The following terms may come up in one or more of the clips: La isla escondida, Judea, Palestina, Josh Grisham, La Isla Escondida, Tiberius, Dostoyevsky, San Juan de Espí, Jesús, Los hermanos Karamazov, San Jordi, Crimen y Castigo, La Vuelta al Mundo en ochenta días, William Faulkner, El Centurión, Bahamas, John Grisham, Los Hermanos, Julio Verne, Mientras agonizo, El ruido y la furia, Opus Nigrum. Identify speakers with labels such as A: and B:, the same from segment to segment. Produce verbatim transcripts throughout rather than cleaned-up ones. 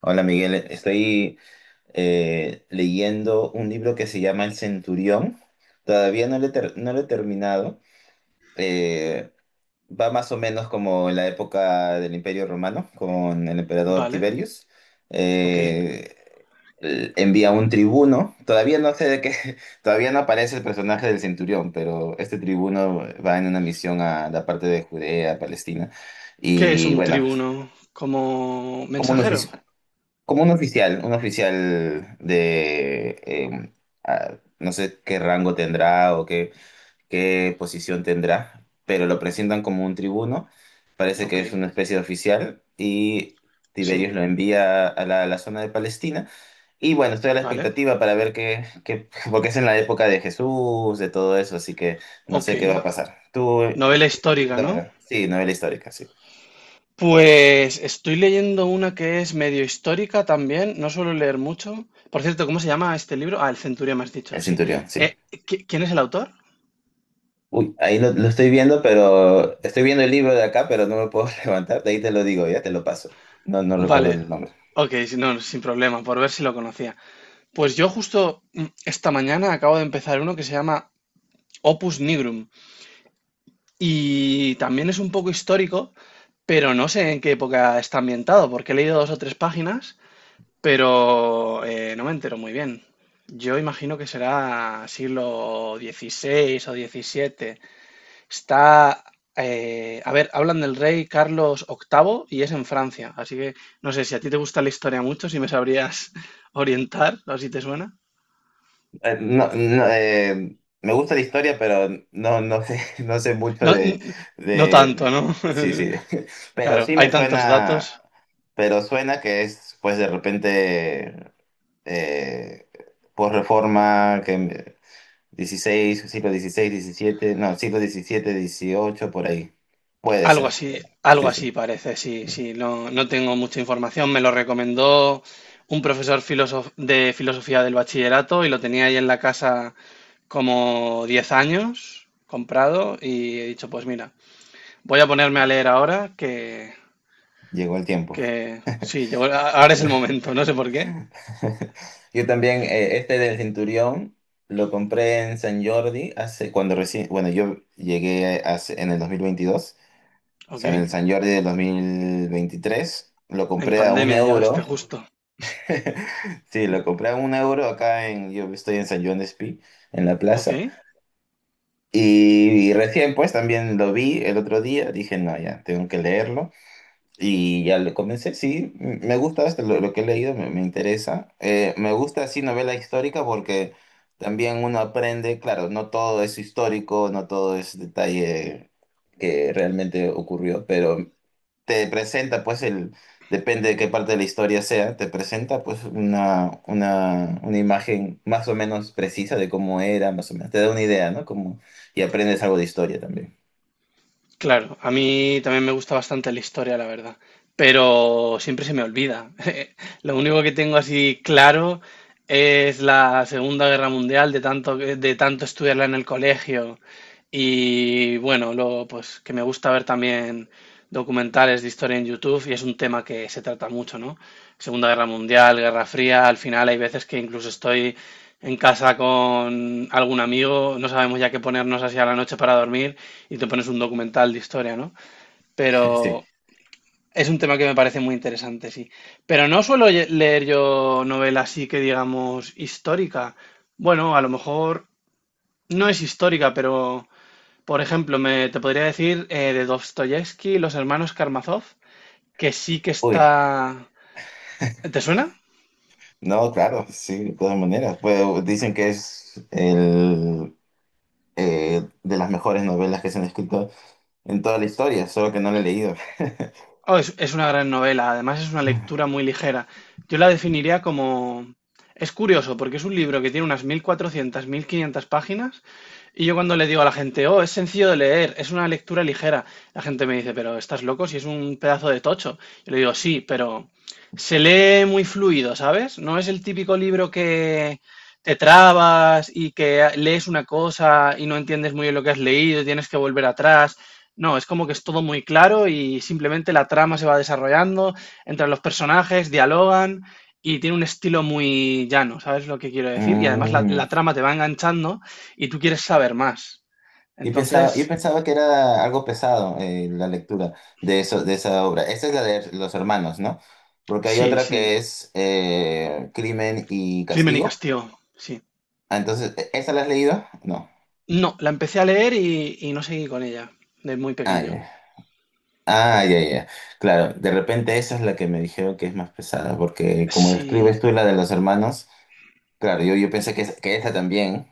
A: Hola Miguel, estoy eh, leyendo un libro que se llama El Centurión. Todavía no lo he, ter- no lo he terminado. Eh, Va más o menos como en la época del Imperio Romano con el emperador
B: Vale,
A: Tiberius.
B: ok.
A: Eh, el- Envía un tribuno. Todavía no sé de qué, todavía no aparece el personaje del Centurión, pero este tribuno va en una misión a la parte de Judea, Palestina.
B: ¿Qué es
A: Y
B: un
A: bueno,
B: tribuno? ¿Como
A: como un ofici-
B: mensajero?
A: como un oficial, un oficial de, eh, ah, no sé qué rango tendrá o qué, qué posición tendrá, pero lo presentan como un tribuno, parece
B: Ok,
A: que es una especie de oficial y
B: sí,
A: Tiberios lo envía a la, a la zona de Palestina. Y bueno, estoy a la
B: vale.
A: expectativa para ver qué, qué, porque es en la época de Jesús, de todo eso, así que no
B: Ok.
A: sé qué va a pasar. ¿Tú eh,
B: Novela
A: qué, qué estás
B: histórica,
A: leyendo
B: ¿no?
A: ahora? Sí, novela histórica, sí.
B: Pues estoy leyendo una que es medio histórica también, no suelo leer mucho. Por cierto, ¿cómo se llama este libro? Ah, El Centurión, me has
A: El
B: dicho, sí.
A: Centurión, sí.
B: Eh, ¿qui- ¿quién es el autor?
A: Uy, ahí lo, lo estoy viendo, pero estoy viendo el libro de acá, pero no me puedo levantar. De ahí te lo digo, ya te lo paso. No, no recuerdo
B: Vale,
A: el nombre.
B: ok, si no, sin problema, por ver si lo conocía. Pues yo justo mm, esta mañana acabo de empezar uno que se llama Opus Nigrum, y también es un poco histórico, pero no sé en qué época está ambientado, porque he leído dos o tres páginas, pero eh, no me entero muy bien. Yo imagino que será siglo dieciséis o diecisiete. Está, eh, a ver, hablan del rey Carlos octavo y es en Francia, así que no sé si a ti te gusta la historia mucho, si me sabrías orientar o si te suena.
A: Eh, no, no, eh, me gusta la historia, pero no, no sé, no sé mucho
B: No,
A: de,
B: n- no tanto,
A: de,
B: ¿no?
A: sí, sí. Pero
B: Claro,
A: sí
B: hay
A: me
B: tantos datos.
A: suena, pero suena que es, pues de repente, eh, posreforma, que dieciséis siglo dieciséis diecisiete no, siglo diecisiete dieciocho por ahí. Puede
B: Algo
A: ser.
B: así, algo
A: Sí, sí.
B: así parece, sí, sí. No, no tengo mucha información. Me lo recomendó un profesor filosof- de filosofía del bachillerato y lo tenía ahí en la casa como diez años comprado y he dicho, pues mira, voy a ponerme a leer ahora que,
A: Llegó el tiempo.
B: que sí, llegó- a- ahora es el momento, no sé por qué.
A: Yo también, eh, este del Centurión, lo compré en San Jordi hace, cuando recién, bueno, yo llegué hace, en el dos mil veintidós. O
B: Ok,
A: sea, en el San Jordi del dos mil veintitrés lo
B: en
A: compré a un
B: pandemia llegaste
A: euro.
B: justo.
A: Sí, lo compré a un euro acá en, yo estoy en San Juan de Espí, en la plaza.
B: Ok.
A: Y, y recién pues también lo vi el otro día, dije, no, ya, tengo que leerlo. Y ya le comencé, sí, m- me gusta esto, lo, lo que he leído me, me interesa. Eh, me gusta así novela histórica porque también uno aprende, claro, no todo es histórico, no todo es detalle que realmente ocurrió, pero te presenta pues el, depende de qué parte de la historia sea, te presenta pues una, una, una imagen más o menos precisa de cómo era, más o menos, te da una idea, ¿no? Como, y aprendes algo de historia también.
B: Claro, a mí también me gusta bastante la historia, la verdad, pero siempre se me olvida. Lo único que tengo así claro es la Segunda Guerra Mundial, de tanto, que- de tanto estudiarla en el colegio y bueno, luego pues que me gusta ver también documentales de historia en YouTube y es un tema que se trata mucho, ¿no? Segunda Guerra Mundial, Guerra Fría, al final hay veces que incluso estoy en casa con algún amigo, no sabemos ya qué ponernos así a la noche para dormir y te pones un documental de historia, ¿no?
A: Sí.
B: Pero es un tema que me parece muy interesante, sí. Pero no suelo ye- leer yo novela así que digamos histórica. Bueno, a lo mejor no es histórica, pero por ejemplo, me te podría decir eh, de Dostoyevsky, Los hermanos Karamazov, que sí que
A: Uy.
B: está... ¿Te suena?
A: No, claro, sí, de todas maneras. Pues dicen que es el, eh, de las mejores novelas que se han escrito en toda la historia, solo que no la he leído.
B: Oh, es, es una gran novela, además es una lectura muy ligera. Yo la definiría como... Es curioso porque es un libro que tiene unas mil cuatrocientas mil quinientas páginas y yo cuando le digo a la gente, oh, es sencillo de leer, es una lectura ligera, la gente me dice, pero estás loco si es un pedazo de tocho. Yo le digo, sí, pero se lee muy fluido, ¿sabes? No es el típico libro que te trabas y que lees una cosa y no entiendes muy bien lo que has leído y tienes que volver atrás. No, es como que es todo muy claro y simplemente la trama se va desarrollando, entran los personajes, dialogan y tiene un estilo muy llano, ¿sabes lo que quiero decir? Y además la,
A: Mm,
B: la trama te va enganchando y tú quieres saber más.
A: y pensaba, yo
B: Entonces,
A: pensaba que era algo pesado eh, la lectura de eso, de esa obra. Esta es la de Los Hermanos, ¿no? Porque hay
B: sí,
A: otra
B: sí,
A: que es eh, Crimen y
B: Crimen y
A: Castigo.
B: Castigo, sí.
A: Ah, entonces, ¿esta la has leído? No.
B: No, la empecé a leer y, y no seguí con ella, de muy
A: Ah,
B: pequeño.
A: ya. Ah, ya, ya. Claro, de repente esa es la que me dijeron que es más pesada, porque como describes
B: Sí,
A: tú la de los hermanos, claro, yo, yo pensé que, es- que esa también,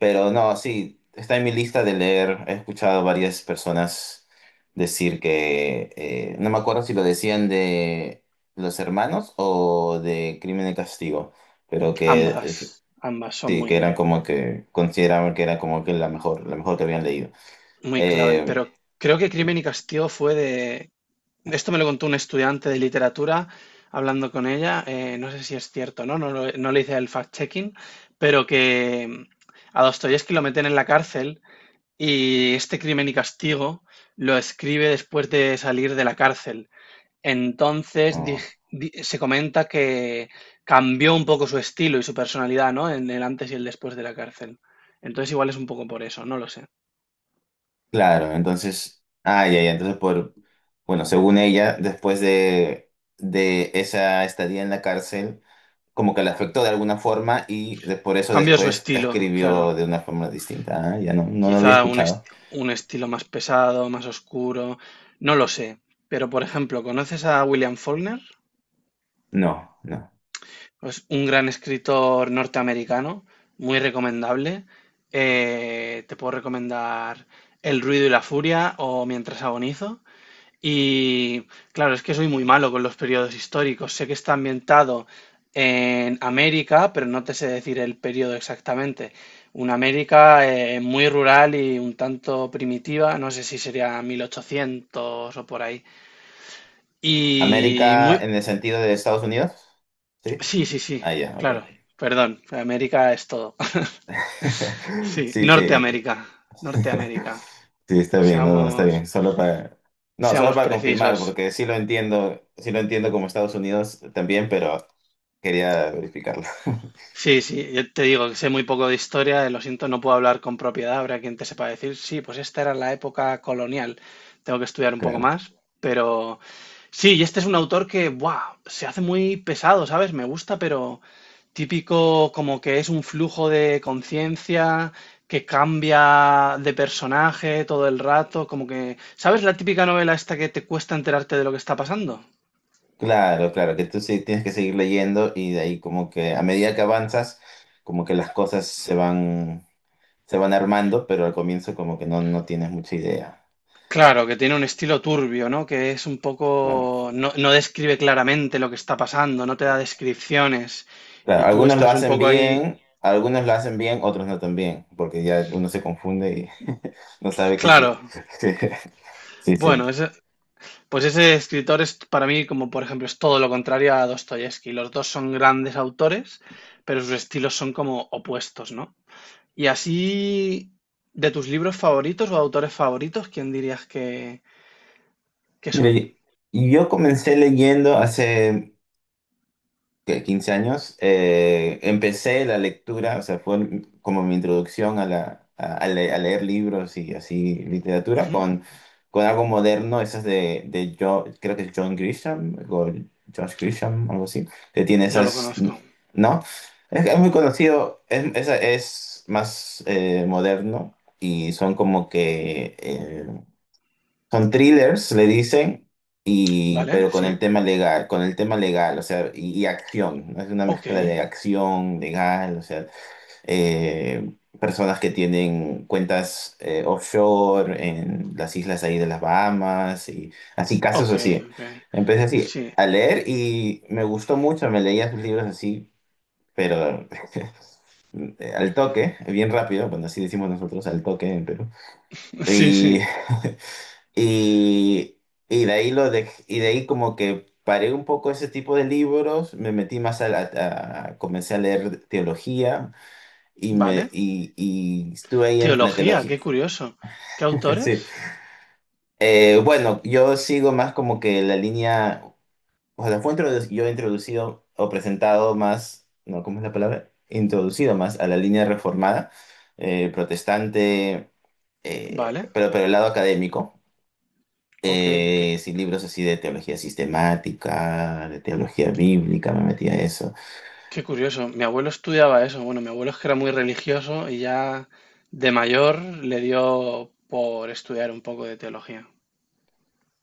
A: pero no, sí, está en mi lista de leer. He escuchado a varias personas decir que, eh, no me acuerdo si lo decían de los hermanos o de Crimen y Castigo, pero que eh,
B: ambas, ambas son
A: sí, que eran
B: muy,
A: como que consideraban que era como que la mejor, la mejor que habían leído.
B: muy clave,
A: Eh,
B: pero creo que Crimen y Castigo fue de. Esto me lo contó un estudiante de literatura hablando con ella. eh, no sé si es cierto, ¿no? No, lo- no le hice el fact-checking, pero que mm, a Dostoyevsky lo meten en la cárcel y este crimen y castigo lo escribe después de salir de la cárcel. Entonces
A: no.
B: dij- di- se comenta que cambió un poco su estilo y su personalidad, ¿no? En el antes y el después de la cárcel. Entonces igual es un poco por eso, no lo sé.
A: Claro, entonces, ah, ya, ya, entonces por, bueno, según ella, después de, de esa estadía en la cárcel, como que la afectó de alguna forma y de, por eso
B: Cambió su
A: después
B: estilo, claro,
A: escribió de una forma distinta. Ah, ya no, no lo
B: quizá
A: había
B: un,
A: escuchado.
B: est- un estilo más pesado, más oscuro, no lo sé. Pero, por ejemplo, ¿conoces a William Faulkner?
A: No, no.
B: Es un gran escritor norteamericano, muy recomendable. Eh, te puedo recomendar El ruido y la furia o Mientras agonizo. Y claro, es que soy muy malo con los periodos históricos. Sé que está ambientado en América, pero no te sé decir el periodo exactamente. Una América eh, muy rural y un tanto primitiva, no sé si sería mil ochocientos o por ahí. Y
A: América
B: muy...
A: en el sentido de Estados Unidos, ¿sí?
B: Sí, sí, sí,
A: Ah, ya, ok.
B: claro, perdón, América es todo. Sí,
A: Sí, sí.
B: Norteamérica, Norteamérica,
A: Sí, está bien, no, no, está
B: seamos,
A: bien. Solo para, no, solo
B: seamos
A: para confirmar,
B: precisos.
A: porque sí lo entiendo, sí lo entiendo como Estados Unidos también, pero quería verificarlo.
B: Sí, sí, yo te digo que sé muy poco de historia, eh, lo siento, no puedo hablar con propiedad, habrá quien te sepa decir, sí, pues esta era la época colonial, tengo que estudiar un poco
A: Claro,
B: más, pero sí, y este es un autor que, ¡buah!, se hace muy pesado, ¿sabes? Me gusta, pero típico como que es un flujo de conciencia, que cambia de personaje todo el rato, como que, ¿sabes la típica novela esta que te cuesta enterarte de lo que está pasando?
A: claro, claro, que tú sí tienes que seguir leyendo y de ahí como que a medida que avanzas, como que las cosas se van, se van armando, pero al comienzo como que no, no tienes mucha idea.
B: Claro, que tiene un estilo turbio, ¿no? Que es un poco,
A: Claro,
B: no, no describe claramente lo que está pasando, no te da descripciones
A: claro,
B: y tú
A: algunos lo
B: estás un
A: hacen
B: poco ahí.
A: bien, algunos lo hacen bien, otros no tan bien, porque ya uno se confunde y no sabe qué...
B: Claro,
A: es- Sí, sí,
B: bueno, ese- pues ese escritor es para mí como, por ejemplo, es todo lo contrario a Dostoyevsky. Los dos son grandes autores, pero sus estilos son como opuestos, ¿no? Y así, de tus libros favoritos o autores favoritos, ¿quién dirías que, que son?
A: mire, yo comencé leyendo hace ¿qué? quince años. Eh, empecé la lectura, o sea, fue como mi introducción a, la, a, a le- a leer libros y así literatura
B: Ujú.
A: con, con algo moderno, esas de, de yo, creo que es John Grisham o Josh Grisham, algo así, que tiene
B: No lo
A: esas,
B: conozco,
A: ¿no? Es, es muy conocido, es, es, es más eh, moderno y son como que eh, son thrillers, le dicen, y,
B: ¿vale?
A: pero con el
B: Sí.
A: tema legal, con el tema legal, o sea, y, y acción. ¿No? Es una
B: Ok,
A: mezcla de acción, legal, o sea, eh, personas que tienen cuentas eh, offshore en las islas ahí de las Bahamas, y así, casos
B: ok,
A: así.
B: ok.
A: Empecé así
B: Sí.
A: a leer y me gustó mucho, me leía sus libros así, pero al toque, bien rápido, bueno, así decimos nosotros, al toque en Perú.
B: Sí,
A: Y
B: sí.
A: Y, y de ahí lo dej- y de ahí como que paré un poco ese tipo de libros, me metí más a la, a- comencé a leer teología y me
B: Vale.
A: y, y estuve ahí en la
B: Teología,
A: teología.
B: qué curioso. ¿Qué
A: Sí.
B: autores?
A: Eh, bueno, yo sigo más como que la línea, o sea, fue introdu- yo he introducido o presentado más, no, ¿cómo es la palabra? Introducido más a la línea reformada, eh, protestante, eh,
B: Vale.
A: pero pero el lado académico.
B: Ok, qué,
A: Eh, sí, libros así de teología sistemática, de teología bíblica, me metí a eso.
B: qué curioso. Mi abuelo estudiaba eso. Bueno, mi abuelo es que era muy religioso y ya de mayor le dio por estudiar un poco de teología.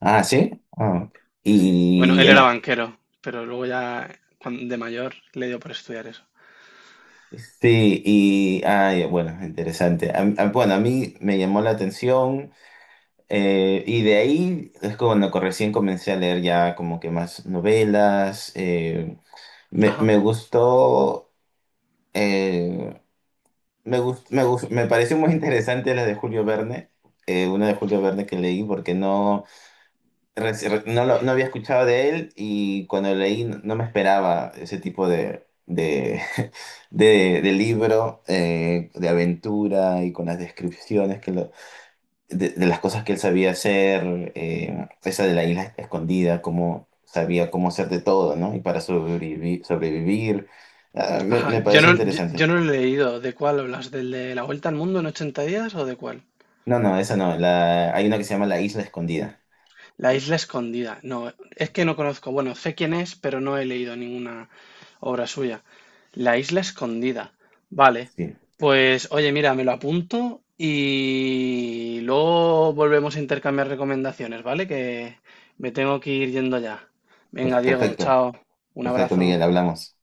A: Ah, sí. Ah, ok.
B: Sí. Bueno,
A: y
B: él
A: en
B: era
A: es-
B: banquero, pero luego ya cuan- de mayor le dio por estudiar eso.
A: sí, y ay, bueno, interesante. A- a- bueno, a mí me llamó la atención eh, y de ahí es cuando co- recién comencé a leer ya como que más novelas. Eh, me,
B: Ajá,
A: me gustó, eh, me gust- me gust- me pareció muy interesante la de Julio Verne, eh, una de Julio Verne que leí porque no Reci- re- no, lo- no había escuchado de él y cuando lo leí no no me esperaba ese tipo de, de, de, de libro eh, de aventura y con las descripciones que lo- de, de las cosas que él sabía hacer, eh, esa de la isla escondida, cómo sabía cómo hacer de todo, ¿no? Y para sobrevivir, sobrevivir. Ah, me,
B: ajá.
A: me
B: Yo
A: pareció
B: no, yo,
A: interesante.
B: yo no lo he leído. ¿De cuál hablas? ¿Del de La Vuelta al Mundo en ochenta días o de cuál?
A: No, no, esa no. La, hay una que se llama La Isla Escondida.
B: La isla escondida. No, es que no conozco. Bueno, sé quién es, pero no he leído ninguna obra suya. La isla escondida. Vale.
A: Sí,
B: Pues, oye, mira, me lo apunto y luego volvemos a intercambiar recomendaciones, ¿vale? Que me tengo que ir yendo ya.
A: per-
B: Venga, Diego,
A: perfecto,
B: chao. Un
A: perfecto,
B: abrazo.
A: Miguel, hablamos.